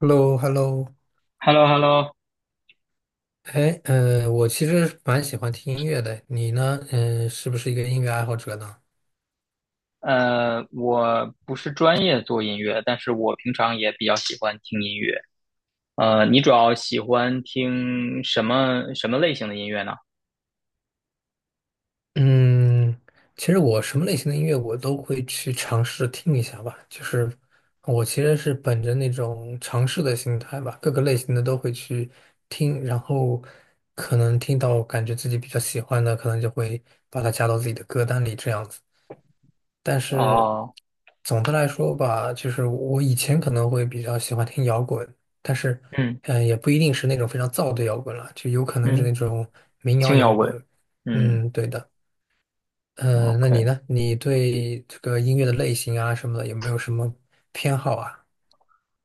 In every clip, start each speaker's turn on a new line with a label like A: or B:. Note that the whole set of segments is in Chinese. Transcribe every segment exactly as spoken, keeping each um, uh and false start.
A: h e l l o h e l l o
B: h e l l o h e l l o
A: 哎，呃，我其实蛮喜欢听音乐的，你呢？嗯、是不是一个音乐爱好者呢？
B: 呃，我不是专业做音乐，但是我平常也比较喜欢听音乐。呃，你主要喜欢听什么什么类型的音乐呢？
A: 嗯，其实我什么类型的音乐我都会去尝试听一下吧，就是我其实是本着那种尝试的心态吧，各个类型的都会去听，然后可能听到感觉自己比较喜欢的，可能就会把它加到自己的歌单里这样子。但是
B: 哦，
A: 总的来说吧，就是我以前可能会比较喜欢听摇滚，但是
B: 嗯
A: 嗯、呃也不一定是那种非常燥的摇滚了，就有可能是
B: 嗯，
A: 那种民谣
B: 轻摇
A: 摇
B: 滚，
A: 滚。
B: 嗯
A: 嗯，对的。嗯、那你
B: ，OK。
A: 呢？你对这个音乐的类型啊什么的有没有什么偏好啊？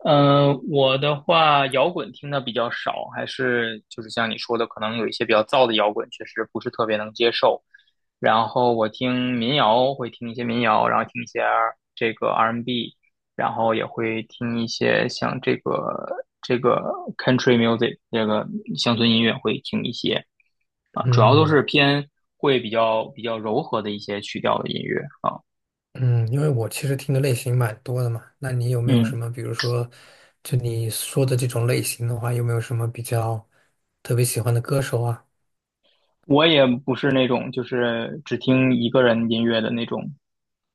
B: 嗯，我的话，摇滚听的比较少，还是就是像你说的，可能有一些比较燥的摇滚，确实不是特别能接受。然后我听民谣，会听一些民谣，然后听一些 R- 这个 R B,然后也会听一些像这个这个 country music,这个乡村音乐会听一些啊，主要都
A: 嗯
B: 是偏会比较比较柔和的一些曲调的音乐啊。
A: 嗯，因为我其实听的类型蛮多的嘛，那你有没有什
B: 嗯
A: 么，比如说，就你说的这种类型的话，有没有什么比较特别喜欢的歌手啊？
B: 我也不是那种就是只听一个人音乐的那种，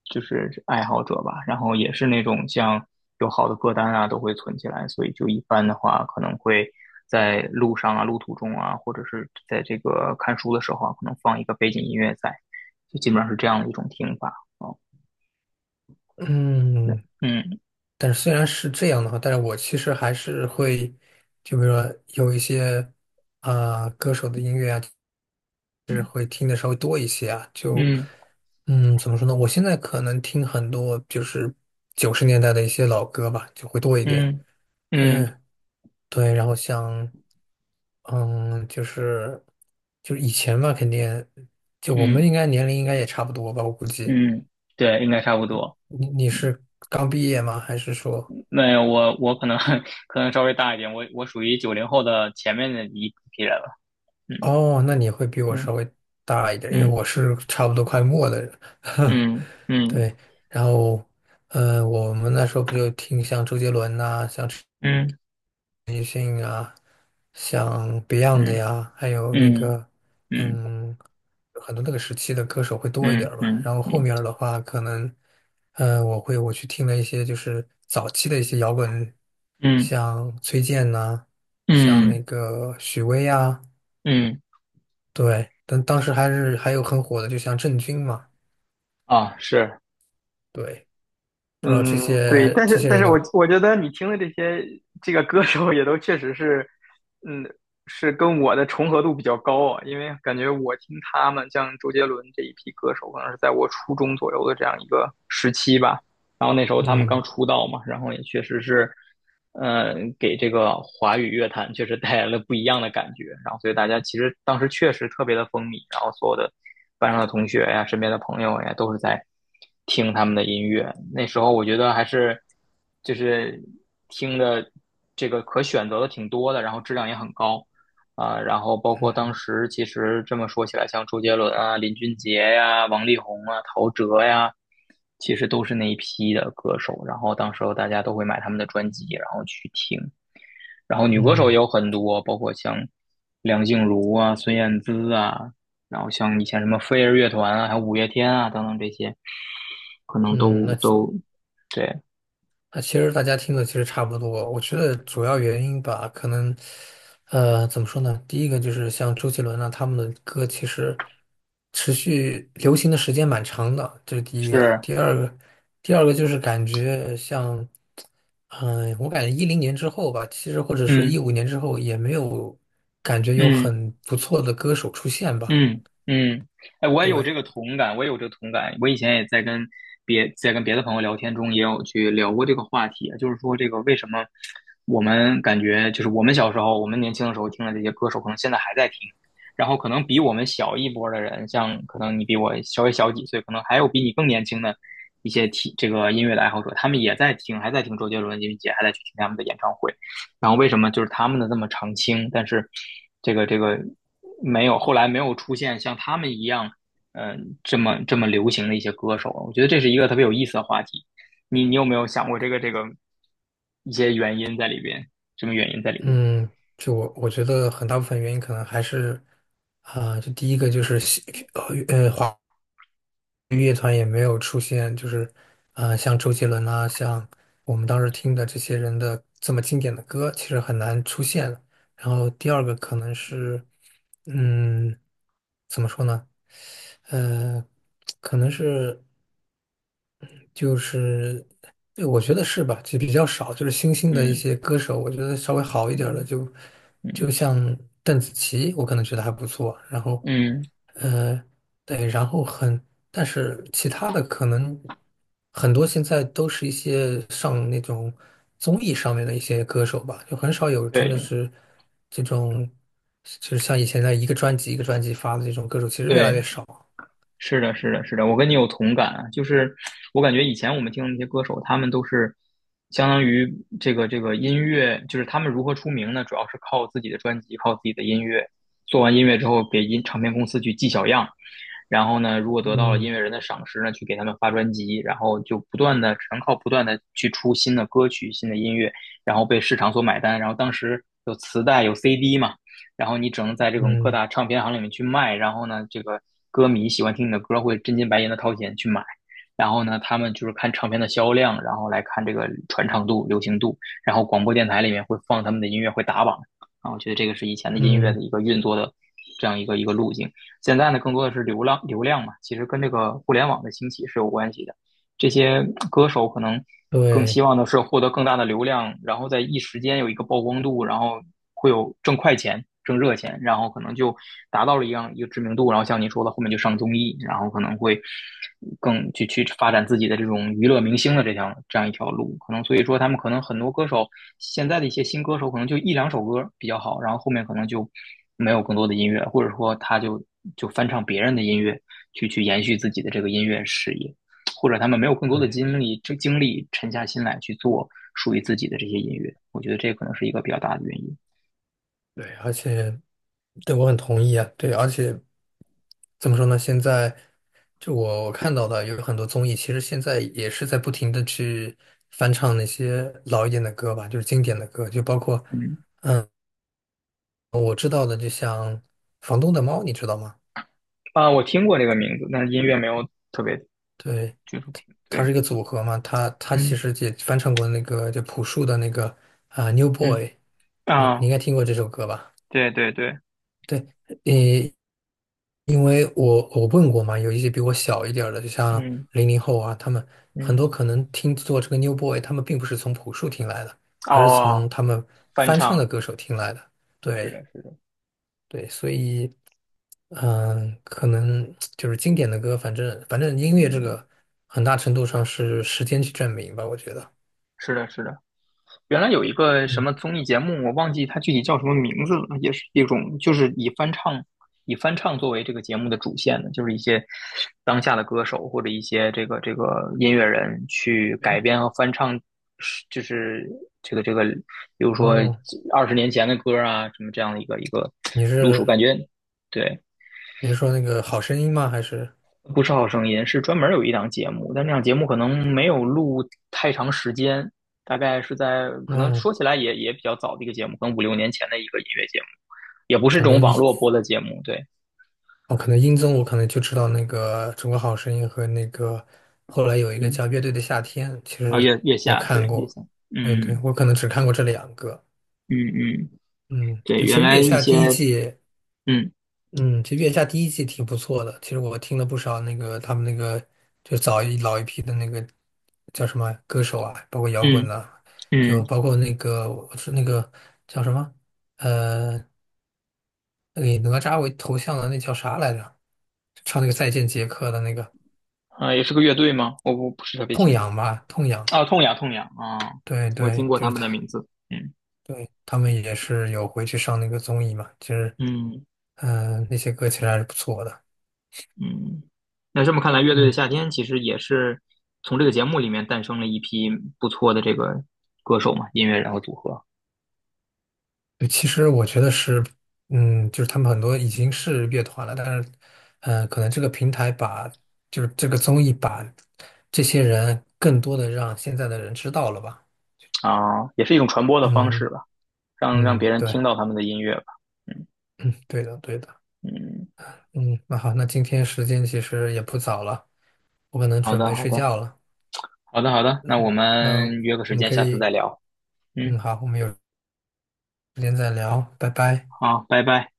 B: 就是爱好者吧。然后也是那种像有好的歌单啊，都会存起来。所以就一般的话，可能会在路上啊、路途中啊，或者是在这个看书的时候啊，可能放一个背景音乐在，就基本上是这样的一种听法。哦，对，
A: 嗯，
B: 嗯
A: 但是虽然是这样的话，但是我其实还是会，就比如说有一些啊、歌手的音乐啊，就是
B: 嗯
A: 会听的稍微多一些啊。就
B: 嗯
A: 嗯，怎么说呢？我现在可能听很多就是九十年代的一些老歌吧，就会多一点。
B: 嗯嗯
A: 嗯，对。然后像嗯，就是就是以前嘛，肯定就我
B: 嗯
A: 们应该年龄应该也差不多吧，我估计。
B: 嗯，对，应该差不多。
A: 你你
B: 嗯。
A: 是刚毕业吗？还是说？
B: 那我我可能 可能稍微大一点，我我属于九零后的前面的一批人了。嗯
A: 哦，那你会比我稍
B: 嗯
A: 微大一点，因为
B: 嗯
A: 我是差不多快末的人。
B: 嗯
A: 对，然后，呃，我们那时候不就听像周杰伦呐、像
B: 嗯
A: 像 Beyond 的
B: 嗯
A: 呀，还有那
B: 嗯
A: 个，
B: 嗯嗯
A: 嗯，很多那个时期的歌手会多一点
B: 嗯
A: 儿吧。
B: 嗯
A: 然后后
B: 嗯
A: 面儿的话，可能，呃，我会我去听了一些就是早期的一些摇滚，
B: 嗯
A: 像崔健呐、像
B: 嗯
A: 那
B: 嗯
A: 个许巍呀，
B: 嗯
A: 对，但当时还是还有很火的，就像郑钧嘛。
B: 啊，是
A: 对，不知道这
B: 嗯，对，
A: 些
B: 但
A: 这
B: 是
A: 些
B: 但
A: 人
B: 是我
A: 的，
B: 我觉得你听的这些这个歌手也都确实是，嗯，是跟我的重合度比较高啊，因为感觉我听他们像周杰伦这一批歌手，可能是在我初中左右的这样一个时期吧，然后那时候他们刚
A: 嗯
B: 出道嘛，然后也确实是，嗯，给这个华语乐坛确实带来了不一样的感觉，然后所以大家其实当时确实特别的风靡，然后所有的班上的同学呀、身边的朋友呀，都是在听他们的音乐。那时候我觉得还是就是听的这个可选择的挺多的，然后质量也很高啊、然后包括当时其实这么说起来，像周杰伦啊、林俊杰呀、王力宏啊、陶喆呀，其实都是那一批的歌手。然后当时候大家都会买他们的专辑，然后去听。然后女歌手也
A: 嗯
B: 有很多，包括像梁静茹啊、孙燕姿啊，然后像以前什么飞儿乐团啊，还有五月天啊等等这些，可能
A: 嗯，那
B: 都
A: 其
B: 都对，
A: 那其实大家听的其实差不多。我觉得主要原因吧，可能，呃，怎么说呢？第一个就是像周杰伦啊，他们的歌其实持续流行的时间蛮长的，这是第一个。
B: 是，
A: 第二个，第二个就是感觉像，嗯、我感觉一零年之后吧，其实或者说一
B: 嗯
A: 五年之后，也没有感觉有
B: 嗯。
A: 很不错的歌手出现吧。
B: 嗯嗯，哎，我也有这
A: 对。
B: 个同感，我也有这个同感。我以前也在跟别在跟别的朋友聊天中，也有去聊过这个话题，就是说这个为什么我们感觉就是我们小时候，我们年轻的时候听的这些歌手，可能现在还在听，然后可能比我们小一波的人，像可能你比我稍微小几岁，可能还有比你更年轻的一些听这个音乐的爱好者，他们也在听，还在听周杰伦、林俊杰，还在去听他们的演唱会。然后为什么就是他们的这么长青，但是这个这个。没有，后来没有出现像他们一样，嗯、这么这么流行的一些歌手。我觉得这是一个特别有意思的话题。你你有没有想过这个这个一些原因在里边？什么原因在里边？
A: 嗯，就我我觉得很大部分原因可能还是，啊、就第一个就是西呃呃华。乐团也没有出现，就是呃，像周杰伦啊，像我们当时听的这些人的这么经典的歌，其实很难出现了。然后第二个可能是，嗯，怎么说呢？呃，可能是就是，对，我觉得是吧，就比较少，就是新兴的一
B: 嗯
A: 些歌手，我觉得稍微好一点儿的
B: 嗯
A: 就，
B: 嗯
A: 就像邓紫棋，我可能觉得还不错。然后。
B: 嗯，
A: 呃，对，然后很，但是其他的可能很多现在都是一些上那种综艺上面的一些歌手吧，就很少有真的
B: 对
A: 是这种，就是像以前的一个专辑一个专辑发的这种歌手，其实越来
B: 对，
A: 越少。
B: 是的，是的，是的，我跟你有同感啊。就是我感觉以前我们听的那些歌手，他们都是相当于这个这个音乐，就是他们如何出名呢？主要是靠自己的专辑，靠自己的音乐。做完音乐之后，给音唱片公司去寄小样。然后呢，如果得到了音
A: 嗯
B: 乐人的赏识呢，去给他们发专辑，然后就不断的只能靠不断的去出新的歌曲、新的音乐，然后被市场所买单。然后当时有磁带、有 C D 嘛，然后你只能在这种各
A: 嗯
B: 大唱片行里面去卖。然后呢，这个歌迷喜欢听你的歌，会真金白银的掏钱去买。然后呢，他们就是看唱片的销量，然后来看这个传唱度、流行度，然后广播电台里面会放他们的音乐，会打榜啊。我觉得这个是以前的音乐的
A: 嗯，
B: 一个运作的这样一个一个路径。现在呢，更多的是流量流量嘛，其实跟这个互联网的兴起是有关系的。这些歌手可能更希
A: 对
B: 望的是获得更大的流量，然后在一时间有一个曝光度，然后会有挣快钱、挣热钱，然后可能就达到了一样一个知名度，然后像您说的，后面就上综艺，然后可能会更去去发展自己的这种娱乐明星的这条这样一条路，可能所以说他们可能很多歌手现在的一些新歌手可能就一两首歌比较好，然后后面可能就没有更多的音乐，或者说他就就翻唱别人的音乐去去延续自己的这个音乐事业。或者他们没有更多的
A: 对。
B: 精力，这精力沉下心来去做属于自己的这些音乐，我觉得这可能是一个比较大的原因。
A: 对，而且对我很同意啊，对，而且怎么说呢？现在就我我看到的有很多综艺，其实现在也是在不停的去翻唱那些老一点的歌吧，就是经典的歌，就包括
B: 嗯，
A: 我知道的，就像《房东的猫》，你知道吗？
B: 啊，我听过这个名字，但是音乐没有特别
A: 对，
B: 接触听。
A: 它
B: 对，
A: 是一个组合嘛，它它其
B: 嗯
A: 实也翻唱过那个就朴树的那个啊、New
B: 嗯
A: Boy》,嗯，
B: 啊，
A: 你应该听过这首歌吧？
B: 对对对，
A: 对，呃，因为我我问过嘛，有一些比我小一点儿的，就像
B: 嗯
A: 零零后啊，他们很
B: 嗯，
A: 多可能听做这个 New Boy,他们并不是从朴树听来的，而是从
B: 哦，
A: 他们
B: 翻
A: 翻唱的
B: 唱，
A: 歌手听来的。
B: 是
A: 对
B: 的，是的，
A: 对，所以嗯，可能就是经典的歌，反正反正音乐这
B: 嗯，
A: 个很大程度上是时间去证明吧，我觉得。
B: 是的，是的。原来有一个什
A: 嗯，
B: 么综艺节目，我忘记它具体叫什么名字了，也是一种就是以翻唱以翻唱作为这个节目的主线的，就是一些当下的歌手或者一些这个这个音乐人去改
A: 哎，
B: 编和翻唱，就是这个这个，比如说
A: 哦，
B: 二十年前的歌啊，什么这样的一个一个
A: 你
B: 路
A: 是
B: 数，感觉对，
A: 你是说那个好声音吗？还是
B: 不是好声音是专门有一档节目，但那档节目可能没有录太长时间，大概是在可能
A: 嗯，
B: 说起来也也比较早的一个节目，可能五六年前的一个音乐节目，也不是这
A: 可能
B: 种
A: 你
B: 网络播的节目。对，
A: 哦，可能音综我可能就知道那个《中国好声音》和那个后来有一个
B: 嗯，
A: 叫《乐队的夏天》，其
B: 啊，
A: 实
B: 月月
A: 我
B: 下，对，
A: 看
B: 月
A: 过。
B: 下，
A: 对对，
B: 嗯
A: 我可能只看过这两个。
B: 嗯嗯，
A: 嗯，
B: 对，
A: 对，其
B: 原
A: 实
B: 来
A: 《月下》
B: 一
A: 第一
B: 些，
A: 季，
B: 嗯
A: 嗯，其实《月下》第一季挺不错的。其实我听了不少那个他们那个就早一老一批的那个叫什么歌手啊，包括摇滚
B: 嗯
A: 的、就
B: 嗯，
A: 包括那个我是那个叫什么呃，那个以哪吒为头像的那叫啥来着？唱那个《再见杰克》的那个。
B: 啊，也是个乐队吗？我不不是特别
A: 痛
B: 清楚。
A: 痒吧，痛痒，
B: 啊，痛痒痛痒啊，
A: 对
B: 我听
A: 对，
B: 过
A: 就
B: 他
A: 是
B: 们
A: 他，
B: 的名字。嗯
A: 对，他们也是有回去上那个综艺嘛，其实，
B: 嗯。
A: 嗯、那些歌其实还是不错的，
B: 嗯，那这么看来，乐队的
A: 嗯，
B: 夏天其实也是从这个节目里面诞生了一批不错的这个歌手嘛，音乐人和组合
A: 对其实我觉得是，嗯，就是他们很多已经是乐团了，但是，嗯、可能这个平台把，就是这个综艺把这些人更多的让现在的人知道了吧，
B: 啊，也是一种传播的方式
A: 嗯
B: 吧，让让
A: 嗯，
B: 别人听
A: 对，
B: 到他们的音乐吧。嗯
A: 嗯，对的对的，
B: 嗯，
A: 嗯，那好，那今天时间其实也不早了，我可能
B: 好
A: 准
B: 的
A: 备
B: 好
A: 睡
B: 的
A: 觉了，
B: 好的好的，那我
A: 那
B: 们约个
A: 我
B: 时
A: 们
B: 间，
A: 可
B: 下次再
A: 以。
B: 聊。
A: 嗯，
B: 嗯，
A: 好，我们有时间再聊，拜拜。
B: 好，拜拜。